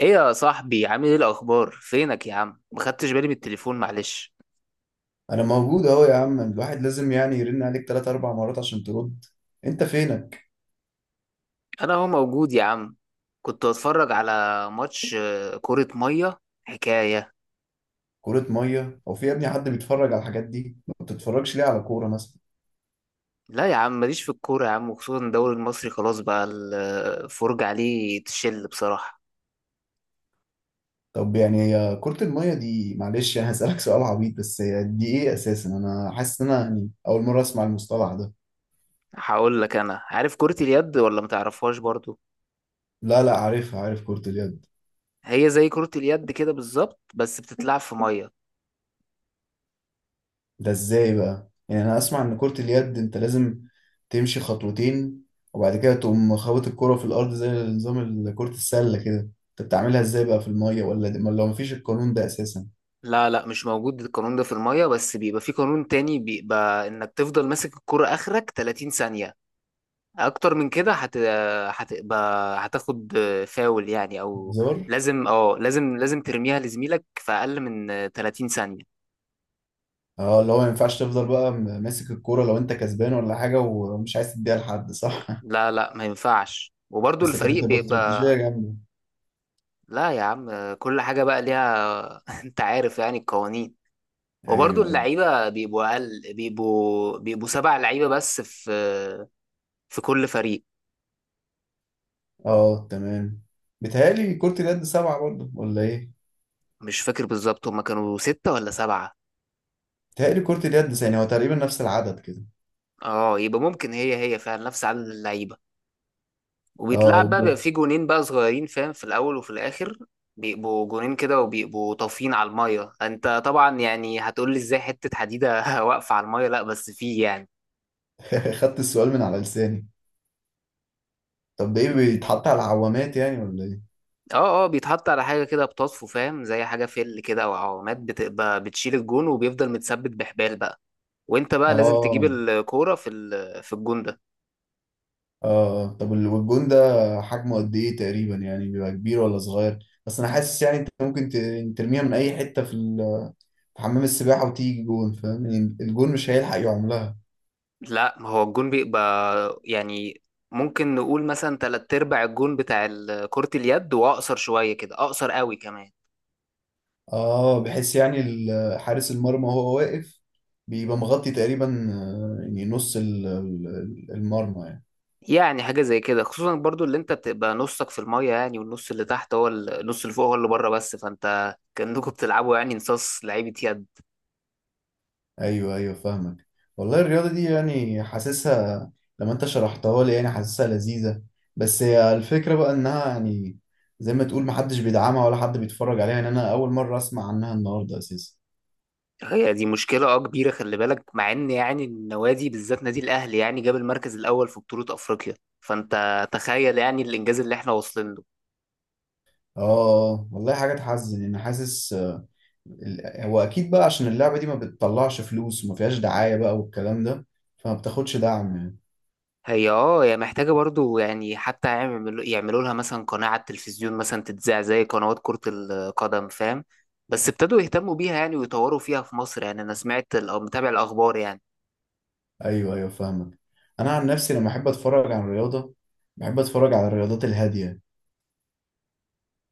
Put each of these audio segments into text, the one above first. ايه يا صاحبي، عامل ايه؟ الاخبار؟ فينك يا عم؟ ما خدتش بالي من التليفون، معلش. انا موجود اهو يا عم. الواحد لازم يعني يرن عليك تلات اربع مرات عشان ترد. انت فينك؟ انا هو موجود يا عم. كنت بتفرج على ماتش كرة مية حكاية. كرة مية او في يا ابني حد بيتفرج على الحاجات دي؟ ما بتتفرجش ليه على كورة مثلا؟ لا يا عم، ماليش في الكورة يا عم، وخصوصا الدوري المصري خلاص بقى الفرجة عليه تشل بصراحة. طب يعني هي كرة المية دي، معلش يعني هسألك سؤال عبيط، بس هي دي ايه اساسا؟ انا حاسس ان انا يعني اول مرة اسمع المصطلح ده. هقول لك، انا عارف كرة اليد، ولا ما تعرفهاش برضو؟ لا لا، عارفها، عارف كرة اليد. هي زي كرة اليد كده بالظبط، بس بتتلعب في مية. ده ازاي بقى؟ يعني انا اسمع ان كرة اليد انت لازم تمشي خطوتين وبعد كده تقوم خابط الكرة في الارض، زي نظام كرة السلة كده. انت بتعملها ازاي بقى في المية؟ ولا دي ولا مفيش القانون ده اساسا؟ لا مش موجود القانون ده في المية، بس بيبقى في قانون تاني، بيبقى انك تفضل ماسك الكرة اخرك 30 ثانية. اكتر من كده هت هتبقى هتاخد فاول يعني او هزار. لازم، اه لازم، ترميها لزميلك في اقل من 30 ثانية. اه، اللي هو ما ينفعش تفضل بقى ماسك الكرة لو انت كسبان ولا حاجة ومش عايز تديها لحد، صح؟ لا ما ينفعش، وبرضو بس كانت الفريق هتبقى بيبقى استراتيجية جامدة. لا يا عم، كل حاجة بقى ليها انت عارف يعني القوانين. وبرضو ايوه ايوه. اللعيبة بيبقوا اقل، بيبقوا سبع لعيبة بس في كل فريق. اه تمام. بيتهيألي كرة اليد سبعة برضه، ولا ايه؟ مش فاكر بالظبط، هما كانوا ستة ولا سبعة. بيتهيألي كرة اليد يعني هو تقريبا نفس العدد كده. اه يبقى ممكن هي فعلا نفس عدد اللعيبة. اه. وبيتلعب بقى، بيبقى فيه جونين بقى صغيرين فاهم، في الاول وفي الاخر. بيبقوا جونين كده، وبيبقوا طافيين على الميه. انت طبعا يعني هتقول لي ازاي حته حديده واقفه على الميه؟ لا بس فيه يعني، خدت السؤال من على لساني. طب ده ايه، بيتحط على العوامات يعني ولا ايه؟ اه اه، بيتحط على حاجه كده بتطفو فاهم، زي حاجه فل كده او عوامات، بتبقى بتشيل الجون، وبيفضل متثبت بحبال بقى. وانت بقى لازم تجيب اه الكوره في في الجون ده. اه. طب والجون ده حجمه قد ايه تقريبا؟ يعني بيبقى كبير ولا صغير؟ بس انا حاسس يعني انت ممكن ترميها من اي حته في في حمام السباحه وتيجي جون، فاهم؟ يعني الجون مش هيلحق يعملها. لا ما هو الجون بيبقى يعني، ممكن نقول مثلا تلات ارباع الجون بتاع كرة اليد، واقصر شويه كده، اقصر قوي كمان. اه، بحيث يعني حارس المرمى وهو واقف بيبقى مغطي تقريبا، يعني نص المرمى. يعني حاجة زي كده، خصوصا برضو اللي انت بتبقى نصك في المية يعني، والنص اللي تحت هو النص اللي فوق هو اللي بره، بس فانت كأنكم بتلعبوا يعني نصاص لعيبة يد. ايوه ايوه فاهمك. والله الرياضه دي، يعني حاسسها لما انت شرحتها لي، يعني حاسسها لذيذه. بس هي الفكره بقى انها يعني زي ما تقول محدش بيدعمها ولا حد بيتفرج عليها. يعني انا اول مره اسمع عنها النهارده اساسا. هي دي مشكلة اه كبيرة، خلي بالك مع ان يعني النوادي، بالذات نادي الاهلي يعني جاب المركز الاول في بطولة افريقيا، فانت تخيل يعني الانجاز اللي احنا واصلين له. اه والله حاجه تحزن. انا حاسس هو اكيد بقى عشان اللعبه دي ما بتطلعش فلوس وما فيهاش دعايه بقى والكلام ده، فما بتاخدش دعم يعني. هي اه، هي محتاجة برضو يعني، حتى يعملوا لها مثلا قناة على التلفزيون مثلا، تتذاع زي قنوات كرة القدم فاهم. بس ابتدوا يهتموا بيها يعني، ويطوروا فيها في مصر. يعني انا سمعت او متابع الاخبار يعني. ايوه ايوه فاهمك. انا عن نفسي لما احب اتفرج على الرياضه، بحب اتفرج على الرياضات الهاديه.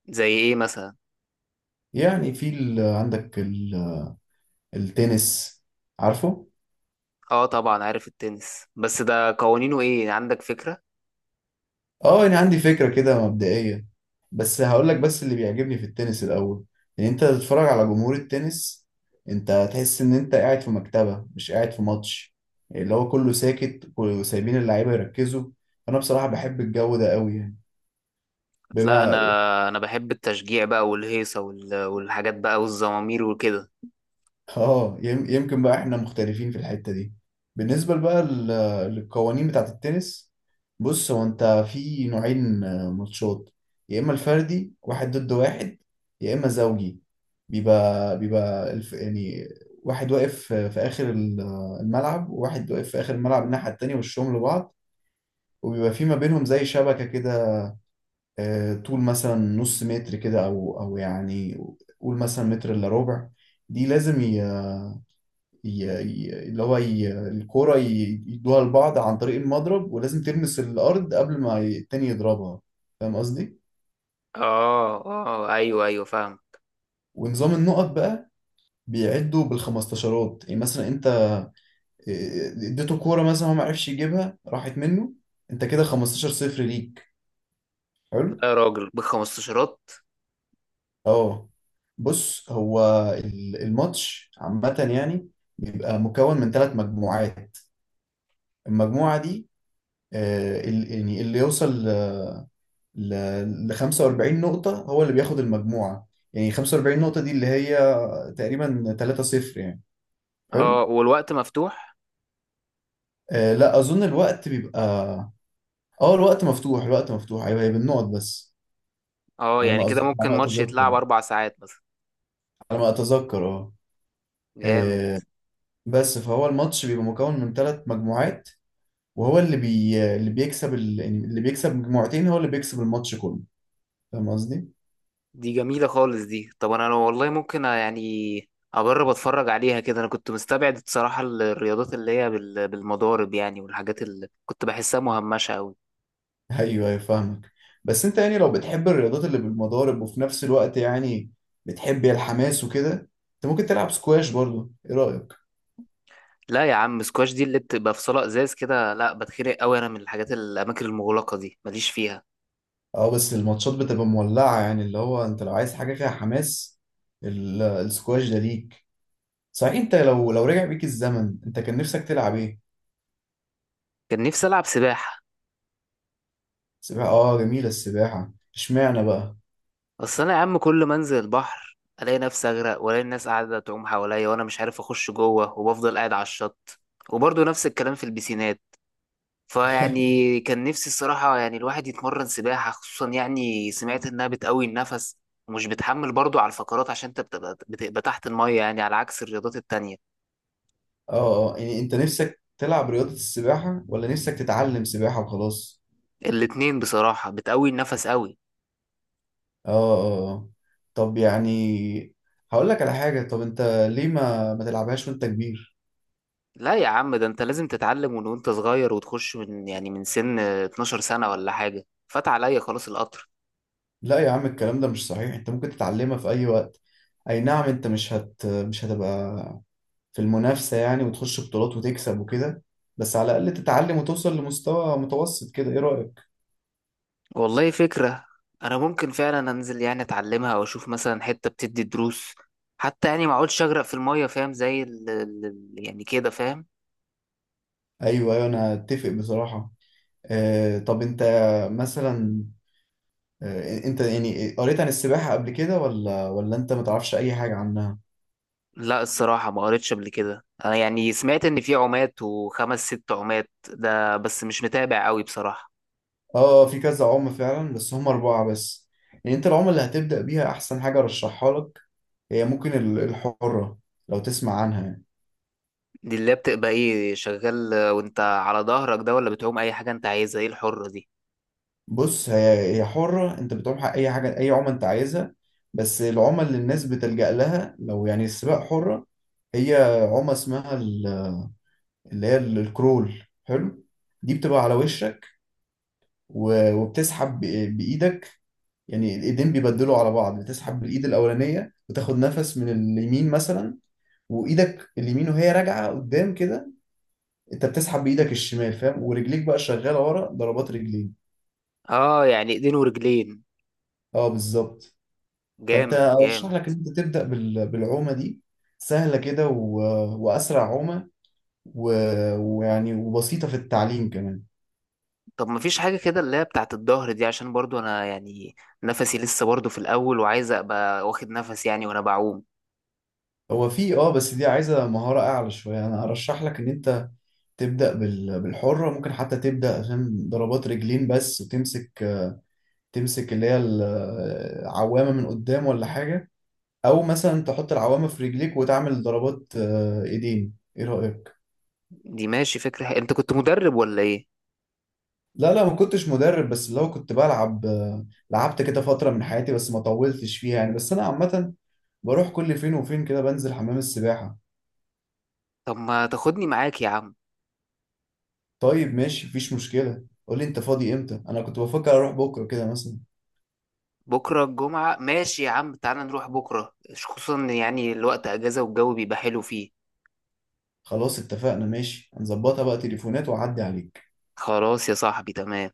زي ايه مثلا؟ يعني في عندك التنس، عارفه؟ اه طبعا عارف التنس، بس ده قوانينه ايه؟ عندك فكرة؟ اه انا عندي فكرة كده مبدئية، بس هقول لك، بس اللي بيعجبني في التنس الاول ان انت تتفرج على جمهور التنس. انت هتحس ان انت قاعد في مكتبة، مش قاعد في ماتش. يعني اللي هو كله ساكت وسايبين اللعيبة يركزوا. انا بصراحة بحب الجو ده قوي يعني، لا انا بما... انا بحب التشجيع بقى والهيصة والحاجات بقى والزمامير وكده. اه، يمكن بقى احنا مختلفين في الحتة دي. بالنسبة بقى للقوانين بتاعة التنس، بص، هو انت في نوعين ماتشات: يا اما الفردي واحد ضد واحد، يا اما زوجي. بيبقى الف يعني واحد واقف في اخر الملعب، وواحد واقف في اخر الملعب الناحية التانية، وشهم لبعض. وبيبقى في ما بينهم زي شبكة كده، طول مثلا نص متر كده، او يعني قول مثلا متر الا ربع. دي لازم الكورة يدوها لبعض عن طريق المضرب، ولازم تلمس الأرض قبل ما التاني يضربها. فاهم قصدي؟ اه اه، ايوه ايوه فاهم. ونظام النقط بقى بيعدوا بالخمستاشرات. يعني مثلا انت، اديته كورة مثلا، هو ما عرفش يجيبها، راحت منه، انت كده 15 صفر ليك، حلو؟ لا يا راجل بخمستاشرات؟ اه. بص هو الماتش عامة يعني بيبقى مكون من ثلاث مجموعات. المجموعة دي يعني اللي يوصل ل ل 45 نقطة هو اللي بياخد المجموعة. يعني 45 نقطة دي اللي هي تقريبا 3-0 يعني. اه حلو. والوقت مفتوح؟ آه لا، أظن الوقت بيبقى... اه الوقت مفتوح، الوقت مفتوح، أيوه هي بالنقط بس. اه على يعني ما كده على ممكن ما ماتش أتذكر يتلعب يعني. اربع ساعات مثلا. على ما أتذكر، اه. جامد. آه، بس فهو الماتش بيبقى مكون من ثلاث مجموعات، وهو اللي اللي يعني اللي بيكسب مجموعتين هو اللي بيكسب الماتش كله. فاهم قصدي؟ دي جميلة خالص دي. طب انا لو والله ممكن يعني اجرب اتفرج عليها كده، انا كنت مستبعد الصراحة الرياضات اللي هي بالمضارب يعني، والحاجات اللي كنت بحسها مهمشة قوي. ايوه ايوه فاهمك. بس انت يعني لو بتحب الرياضات اللي بالمضارب وفي نفس الوقت يعني بتحب الحماس وكده، انت ممكن تلعب سكواش برضه، ايه رأيك؟ لا يا عم، سكواش دي اللي بتبقى في صالة ازاز كده، لا بتخنق قوي، انا من الحاجات الاماكن المغلقة دي ماليش فيها. اه، بس الماتشات بتبقى مولعة، يعني اللي هو انت لو عايز حاجة فيها حماس السكواش ده ليك. صحيح، انت لو رجع بيك الزمن انت كان نفسك تلعب ايه؟ كان نفسي العب سباحة. سباحة، اه جميلة السباحة، اشمعنى بقى؟ اصل انا يا عم كل ما انزل البحر الاقي نفسي اغرق، والاقي الناس قاعده تعوم حواليا وانا مش عارف اخش جوه، وبفضل قاعد على الشط. وبرضه نفس الكلام في البسينات. فيعني كان نفسي الصراحه يعني الواحد يتمرن سباحه، خصوصا يعني سمعت انها بتقوي النفس، ومش بتحمل برضه على الفقرات، عشان انت بتبقى تحت الميه يعني، على عكس الرياضات التانية. اه اه، يعني انت نفسك تلعب رياضة السباحة ولا نفسك تتعلم سباحة وخلاص؟ الاتنين بصراحه بتقوي النفس قوي. اه اه اه. طب يعني هقول لك على حاجة، طب انت ليه ما تلعبهاش وانت كبير؟ لا يا عم، ده انت لازم تتعلم من وانت صغير، وتخش من يعني من سن 12 سنه ولا حاجه، فات عليا خلاص القطر. لا يا عم، الكلام ده مش صحيح، انت ممكن تتعلمها في اي وقت. اي نعم انت مش هتبقى في المنافسة يعني وتخش بطولات وتكسب وكده، بس على الاقل تتعلم وتوصل لمستوى متوسط كده، ايه رأيك؟ والله فكرة. أنا ممكن فعلا أنزل يعني أتعلمها، أو أشوف مثلا حتة بتدي دروس، حتى يعني ما أقعدش أغرق في المية فاهم، زي يعني كده فاهم. ايوه ايوه، انا اتفق بصراحة. آه، طب انت مثلا، آه انت يعني قريت عن السباحة قبل كده، ولا انت ما تعرفش اي حاجة عنها؟ لا الصراحة ما قريتش قبل كده. أنا يعني سمعت إن في عمات، وخمس ست عمات ده، بس مش متابع أوي بصراحة. اه، في كذا عملة فعلا، بس هم أربعة بس. يعني أنت العملة اللي هتبدأ بيها أحسن حاجة أرشحها لك، هي ممكن الحرة، لو تسمع عنها يعني. دي اللي بتبقى إيه؟ شغال وأنت على ظهرك ده، ولا بتعوم أي حاجة أنت عايزها؟ إيه الحرة دي؟ بص، هي حرة، أنت بتعوم حق أي حاجة، أي عملة أنت عايزها. بس العمل اللي الناس بتلجأ لها لو يعني السباق، حرة. هي عمى اسمها اللي هي الكرول، حلو. دي بتبقى على وشك، وبتسحب بإيدك، يعني الإيدين بيبدلوا على بعض. بتسحب بالإيد الأولانية وتاخد نفس من اليمين مثلا، وايدك اليمين وهي راجعه قدام كده انت بتسحب بايدك الشمال، فاهم؟ ورجليك بقى شغاله ورا ضربات رجلين. آه يعني إيدين ورجلين. اه بالظبط. فانت جامد ارشح جامد. لك ان انت تبدا بالعومه دي، سهله كده، و... واسرع عومه، و... ويعني وبسيطه في التعليم كمان. طب مفيش حاجة كده اللي هي بتاعت الظهر دي؟ عشان برضو أنا يعني نفسي لسه برضو في الأول، وعايز أبقى واخد نفس يعني وأنا بعوم. هو في اه، بس دي عايزه مهاره اعلى شويه. انا ارشح لك ان انت تبدا بالحره. ممكن حتى تبدا فاهم ضربات رجلين بس وتمسك اللي هي العوامه من قدام ولا حاجه، او مثلا تحط العوامة في رجليك وتعمل ضربات ايدين، ايه رأيك؟ دي ماشي، فكرة حلوة. أنت كنت مدرب ولا إيه؟ لا لا، ما كنتش مدرب، بس اللي هو كنت بلعب، لعبت كده فترة من حياتي بس ما طولتش فيها يعني. بس انا عامة بروح كل فين وفين كده بنزل حمام السباحة. طب ما تاخدني معاك يا عم. طيب ماشي، مفيش مشكلة، قول لي انت فاضي امتى. انا كنت بفكر اروح بكرة كده مثلا. بكرة الجمعة، ماشي يا عم، تعالى نروح بكرة، خصوصا إن يعني الوقت أجازة والجو بيبقى حلو فيه. خلاص اتفقنا ماشي، هنظبطها بقى تليفونات واعدي عليك. خلاص يا صاحبي، تمام.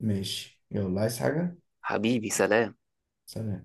ماشي، يلا، عايز حاجة؟ حبيبي سلام. سلام.